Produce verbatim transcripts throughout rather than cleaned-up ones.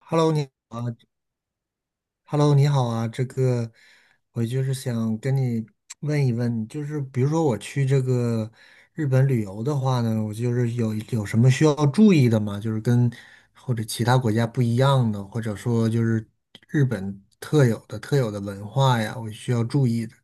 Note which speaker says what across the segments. Speaker 1: Hello，你好啊，Hello，你好啊。这个，我就是想跟你问一问，就是比如说我去这个日本旅游的话呢，我就是有有什么需要注意的吗？就是跟或者其他国家不一样的，或者说就是日本特有的特有的文化呀，我需要注意的。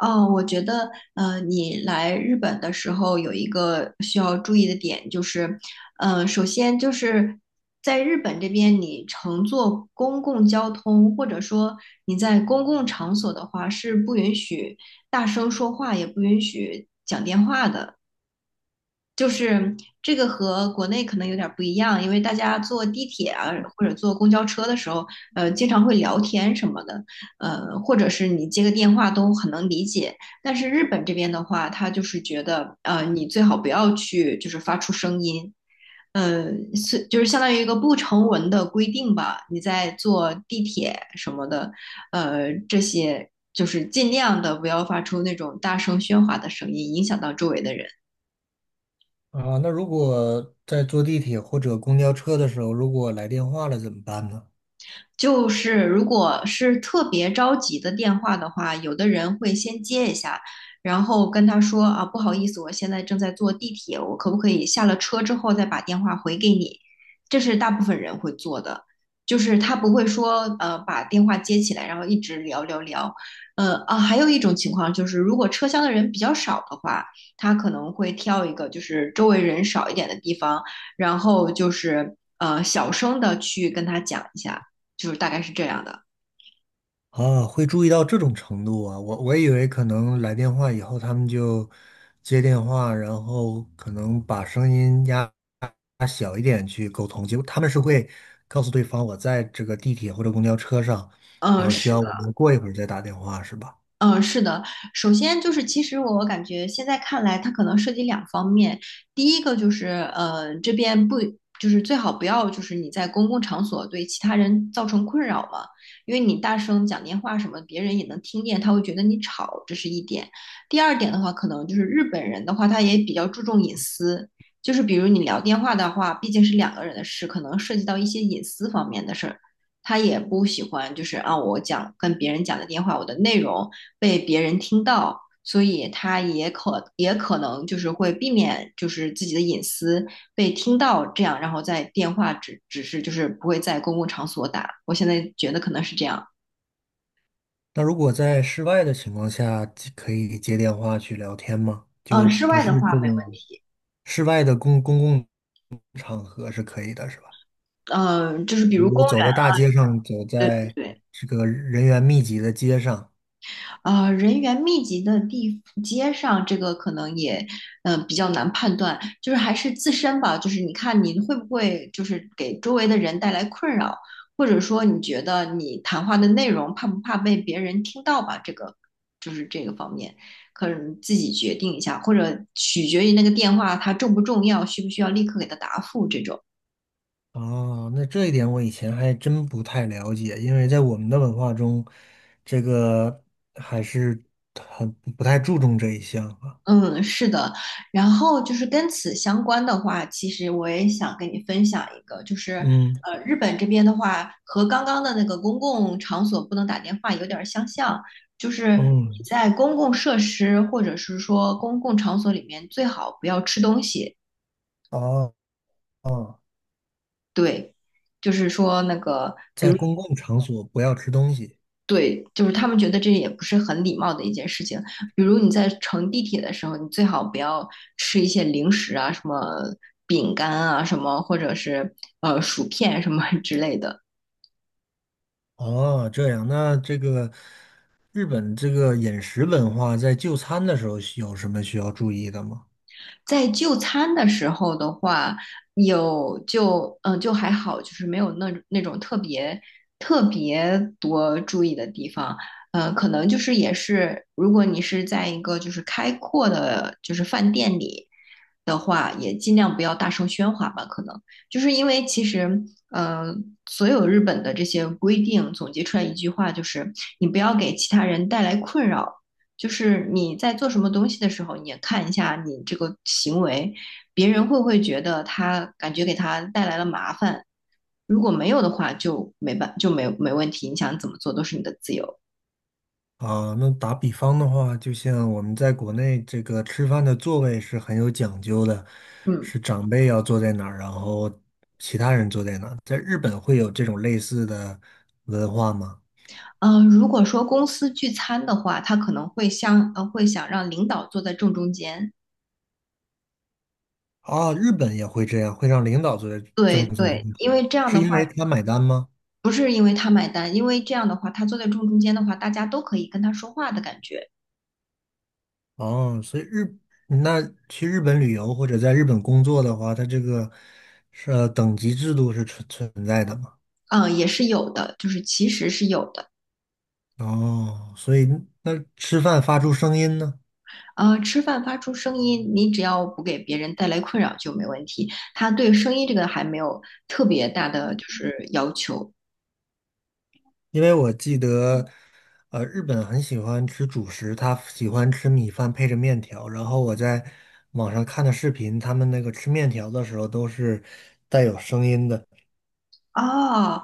Speaker 2: 哦，我觉得，呃，你来日本的时候有一个需要注意的点，就是，呃，首先就是在日本这边，你乘坐公共交通，或者说你在公共场所的话，是不允许大声说话，也不允许讲电话的。就是这个和国内可能有点儿不一样，因为大家坐地铁啊或者坐公交车的时候，呃，经常会聊天什么的，呃，或者是你接个电话都很能理解。但是日本这边的话，他就是觉得，呃，你最好不要去就是发出声音，呃，是就是相当于一个不成文的规定吧。你在坐地铁什么的，呃，这些就是尽量的不要发出那种大声喧哗的声音，影响到周围的人。
Speaker 1: 啊，那如果在坐地铁或者公交车的时候，如果来电话了怎么办呢？
Speaker 2: 就是如果是特别着急的电话的话，有的人会先接一下，然后跟他说啊，不好意思，我现在正在坐地铁，我可不可以下了车之后再把电话回给你？这是大部分人会做的，就是他不会说呃把电话接起来，然后一直聊聊聊。呃啊，还有一种情况就是，如果车厢的人比较少的话，他可能会挑一个就是周围人少一点的地方，然后就是呃小声的去跟他讲一下。就是大概是这样的。
Speaker 1: 啊，会注意到这种程度啊！我我以为可能来电话以后，他们就接电话，然后可能把声音压压小一点去沟通。结果他们是会告诉对方，我在这个地铁或者公交车上，然
Speaker 2: 嗯，
Speaker 1: 后需
Speaker 2: 是
Speaker 1: 要
Speaker 2: 的。
Speaker 1: 我们过一会儿再打电话，是吧？
Speaker 2: 嗯，是的。首先就是，其实我感觉现在看来，它可能涉及两方面。第一个就是，呃，这边不就是最好不要就是你在公共场所对其他人造成困扰嘛，因为你大声讲电话什么，别人也能听见，他会觉得你吵，这是一点。第二点的话，可能就是日本人的话，他也比较注重隐私。就是比如你聊电话的话，毕竟是两个人的事，可能涉及到一些隐私方面的事儿，他也不喜欢，就是啊，我讲跟别人讲的电话，我的内容被别人听到，所以他也可也可能就是会避免，就是自己的隐私被听到，这样，然后在电话只只是就是不会在公共场所打。我现在觉得可能是这样。
Speaker 1: 那如果在室外的情况下，可以接电话去聊天吗？
Speaker 2: 嗯、
Speaker 1: 就
Speaker 2: 呃室
Speaker 1: 不
Speaker 2: 外
Speaker 1: 是
Speaker 2: 的
Speaker 1: 这
Speaker 2: 话没问
Speaker 1: 种
Speaker 2: 题。
Speaker 1: 室外的公公共场合是可以的，是吧？
Speaker 2: 嗯、呃就是
Speaker 1: 比
Speaker 2: 比如
Speaker 1: 如
Speaker 2: 公
Speaker 1: 走
Speaker 2: 园。
Speaker 1: 在大街上，走
Speaker 2: 对对
Speaker 1: 在
Speaker 2: 对。
Speaker 1: 这个人员密集的街上。
Speaker 2: 啊，人员密集的地街上，这个可能也，嗯、比较难判断，就是还是自身吧，就是你看你会不会就是给周围的人带来困扰，或者说你觉得你谈话的内容怕不怕被别人听到吧？这个就是这个方面，可能自己决定一下，或者取决于那个电话它重不重要，需不需要立刻给他答复这种。
Speaker 1: 哦，那这一点我以前还真不太了解，因为在我们的文化中，这个还是很不太注重这一项啊。
Speaker 2: 嗯，是的，然后就是跟此相关的话，其实我也想跟你分享一个，就是
Speaker 1: 嗯
Speaker 2: 呃，日本这边的话，和刚刚的那个公共场所不能打电话有点儿相像，就是你
Speaker 1: 嗯，
Speaker 2: 在公共设施或者是说公共场所里面最好不要吃东西。
Speaker 1: 哦哦，
Speaker 2: 对，就是说那个，
Speaker 1: 在公共场所不要吃东西。
Speaker 2: 对，就是他们觉得这也不是很礼貌的一件事情。比如你在乘地铁的时候，你最好不要吃一些零食啊，什么饼干啊，什么或者是呃薯片什么 之类的。
Speaker 1: 哦，这样，那这个日本这个饮食文化在就餐的时候需有什么需要注意的吗？
Speaker 2: 在就餐的时候的话，有就嗯、呃就还好，就是没有那那种特别特别多注意的地方。呃，可能就是也是，如果你是在一个就是开阔的，就是饭店里的话，也尽量不要大声喧哗吧。可能就是因为其实，呃，所有日本的这些规定总结出来一句话，就是你不要给其他人带来困扰，就是你在做什么东西的时候，你也看一下你这个行为，别人会不会觉得他感觉给他带来了麻烦？如果没有的话，就没办就没没问题，你想怎么做都是你的自由。
Speaker 1: 啊，那打比方的话，就像我们在国内这个吃饭的座位是很有讲究的，
Speaker 2: 嗯。
Speaker 1: 是长辈要坐在哪儿，然后其他人坐在哪儿。在日本会有这种类似的文化吗？
Speaker 2: 嗯、呃，如果说公司聚餐的话，他可能会想呃会想让领导坐在正中间。
Speaker 1: 啊，日本也会这样，会让领导坐在正
Speaker 2: 对
Speaker 1: 中
Speaker 2: 对，
Speaker 1: 间，
Speaker 2: 因为这样
Speaker 1: 是
Speaker 2: 的话，
Speaker 1: 因为他买单吗？
Speaker 2: 不是因为他买单，因为这样的话，他坐在正中间的话，大家都可以跟他说话的感觉。
Speaker 1: 哦，所以日，那去日本旅游或者在日本工作的话，他这个是呃等级制度是存存在的嘛？
Speaker 2: 嗯、也是有的，就是其实是有的。
Speaker 1: 哦，所以那吃饭发出声音呢？
Speaker 2: 呃，吃饭发出声音，你只要不给别人带来困扰就没问题。他对声音这个还没有特别大的就是要求。
Speaker 1: 因为我记得，呃，日本很喜欢吃主食，他喜欢吃米饭配着面条。然后我在网上看的视频，他们那个吃面条的时候都是带有声音的，
Speaker 2: 哦，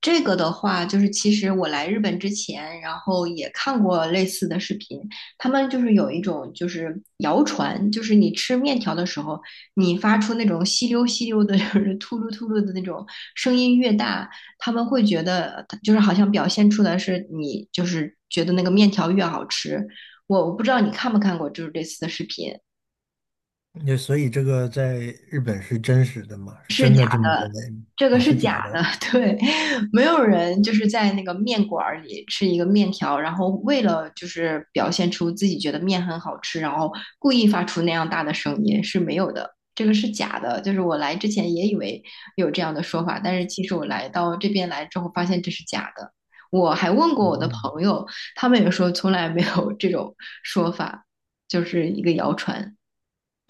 Speaker 2: 这个的话，就是其实我来日本之前，然后也看过类似的视频，他们就是有一种就是谣传，就是你吃面条的时候，你发出那种吸溜吸溜的，就是秃噜秃噜的那种声音越大，他们会觉得就是好像表现出来是你就是觉得那个面条越好吃。我我不知道你看没看过就是类似的视频。
Speaker 1: 那所以这个在日本是真实的嘛？是真的这么认为吗？
Speaker 2: 这个
Speaker 1: 啊？
Speaker 2: 是
Speaker 1: 是假
Speaker 2: 假的，
Speaker 1: 的？
Speaker 2: 对。没有人就是在那个面馆儿里吃一个面条，然后为了就是表现出自己觉得面很好吃，然后故意发出那样大的声音是没有的，这个是假的。就是我来之前也以为有这样的说法，但是其实我来到这边来之后发现这是假的。我还问过
Speaker 1: 嗯。
Speaker 2: 我的
Speaker 1: 嗯。
Speaker 2: 朋友，他们也说从来没有这种说法，就是一个谣传。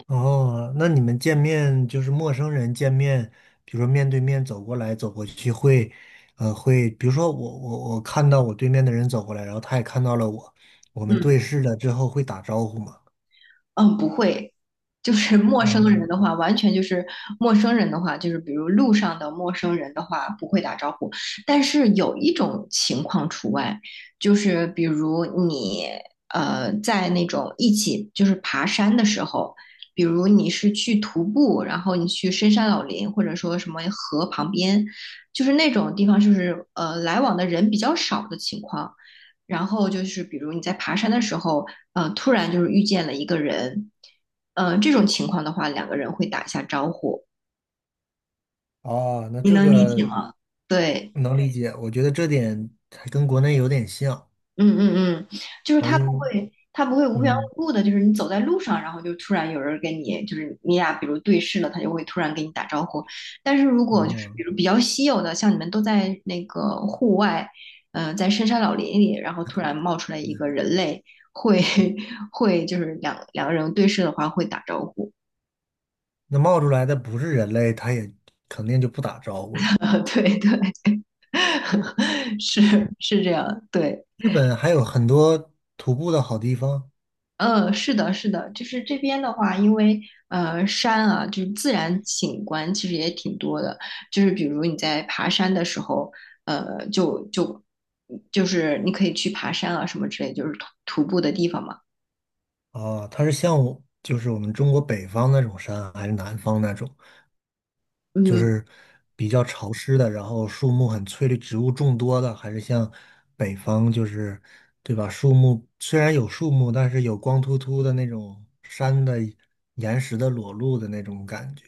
Speaker 1: 哦，那你们见面就是陌生人见面，比如说面对面走过来走过去会，呃，会，比如说我我我看到我对面的人走过来，然后他也看到了我，我们对
Speaker 2: 嗯。
Speaker 1: 视了之后会打招呼吗？
Speaker 2: 嗯，不会，就是陌生
Speaker 1: 啊，
Speaker 2: 人的话，完全就是陌生人的话，就是比如路上的陌生人的话，不会打招呼。但是有一种情况除外，就是比如你呃在那种一起就是爬山的时候，比如你是去徒步，然后你去深山老林，或者说什么河旁边，就是那种地方，就是呃来往的人比较少的情况。然后就是比如你在爬山的时候，呃，突然就是遇见了一个人，呃，这种情况的话，两个人会打一下招呼，
Speaker 1: 哦，那
Speaker 2: 你
Speaker 1: 这
Speaker 2: 能理解
Speaker 1: 个
Speaker 2: 吗？对。
Speaker 1: 能理解，我觉得这点还跟国内有点像。
Speaker 2: 嗯嗯嗯，就是
Speaker 1: 好
Speaker 2: 他不
Speaker 1: 像
Speaker 2: 会，他不会无缘
Speaker 1: 嗯。
Speaker 2: 无故的，就是你走在路上，然后就突然有人跟你，就是你俩比如对视了，他就会突然跟你打招呼。但是如果就是
Speaker 1: 哦，
Speaker 2: 比如比较稀有的，像你们都在那个户外，呃，在深山老林里，然后突然冒出来一个人类，会 会就是两两个人对视的话会打招呼。
Speaker 1: 那冒出来的不是人类，他也肯定就不打招呼了。
Speaker 2: 对对。是是这样，对。
Speaker 1: 日本还有很多徒步的好地方。
Speaker 2: 呃，是的，是的，就是这边的话，因为呃山啊，就是自然景观其实也挺多的，就是比如你在爬山的时候，呃，就就就是你可以去爬山啊什么之类，就是徒徒步的地方嘛。
Speaker 1: 啊，它是像我就是我们中国北方那种山啊，还是南方那种，就
Speaker 2: 嗯，
Speaker 1: 是比较潮湿的，然后树木很翠绿，植物众多的，还是像北方就是对吧？树木虽然有树木，但是有光秃秃的那种山的岩石的裸露的那种感觉。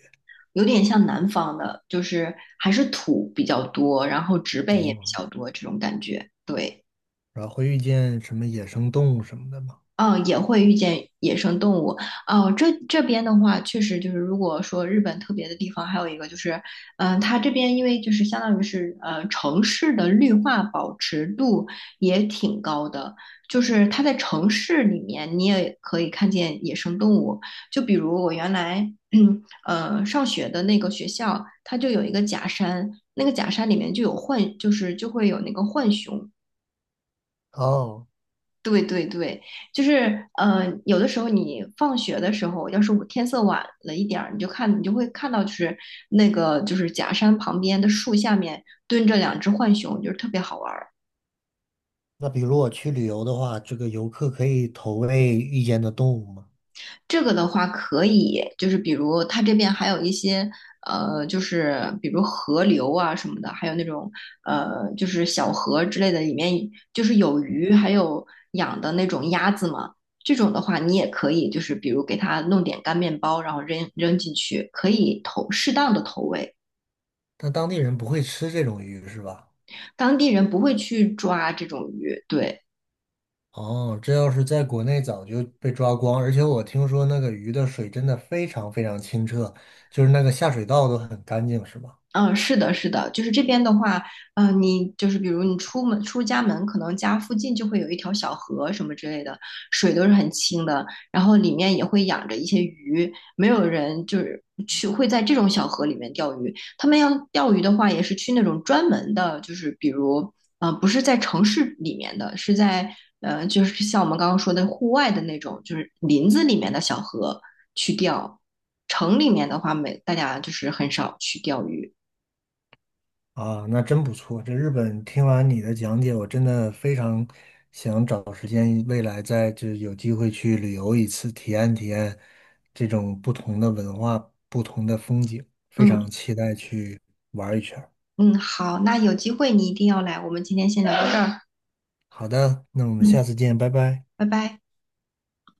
Speaker 2: 有点像南方的，就是还是土比较多，然后植被也比
Speaker 1: 嗯，
Speaker 2: 较多这种感觉。对。
Speaker 1: 然后会遇见什么野生动物什么的吗？
Speaker 2: 嗯，呃也会遇见野生动物。哦，这这边的话，确实就是，如果说日本特别的地方，还有一个就是，嗯、它这边因为就是相当于是呃城市的绿化保持度也挺高的，就是它在城市里面你也可以看见野生动物。就比如我原来 呃上学的那个学校，它就有一个假山，那个假山里面就有浣，就是就会有那个浣熊。
Speaker 1: 哦，
Speaker 2: 对对对，就是呃，有的时候你放学的时候，要是我天色晚了一点儿，你就看你就会看到，就是那个就是假山旁边的树下面蹲着两只浣熊，就是特别好玩儿。
Speaker 1: 那比如我去旅游的话，这个游客可以投喂遇见的动物吗？
Speaker 2: 这个的话可以，就是比如它这边还有一些呃，就是比如河流啊什么的，还有那种呃，就是小河之类的，里面就是有鱼，还有养的那种鸭子嘛。这种的话，你也可以，就是比如给它弄点干面包，然后扔扔进去，可以投适当的投喂。
Speaker 1: 但当地人不会吃这种鱼是吧？
Speaker 2: 当地人不会去抓这种鱼，对。
Speaker 1: 哦，这要是在国内早就被抓光，而且我听说那个鱼的水真的非常非常清澈，就是那个下水道都很干净，是吧？
Speaker 2: 嗯，是的，是的，就是这边的话，嗯，你就是比如你出门出家门，可能家附近就会有一条小河什么之类的，水都是很清的，然后里面也会养着一些鱼，没有人就是去会在这种小河里面钓鱼。他们要钓鱼的话，也是去那种专门的，就是比如，呃，不是在城市里面的，是在呃，就是像我们刚刚说的户外的那种，就是林子里面的小河去钓。城里面的话，没大家就是很少去钓鱼。
Speaker 1: 啊，那真不错。这日本听完你的讲解，我真的非常想找时间，未来再就是有机会去旅游一次，体验体验这种不同的文化、不同的风景，非
Speaker 2: 嗯。
Speaker 1: 常期待去玩一圈儿。
Speaker 2: 嗯，好，那有机会你一定要来，我们今天先聊到这儿。
Speaker 1: 好的，那我们下
Speaker 2: 嗯，
Speaker 1: 次见，拜拜。
Speaker 2: 拜拜。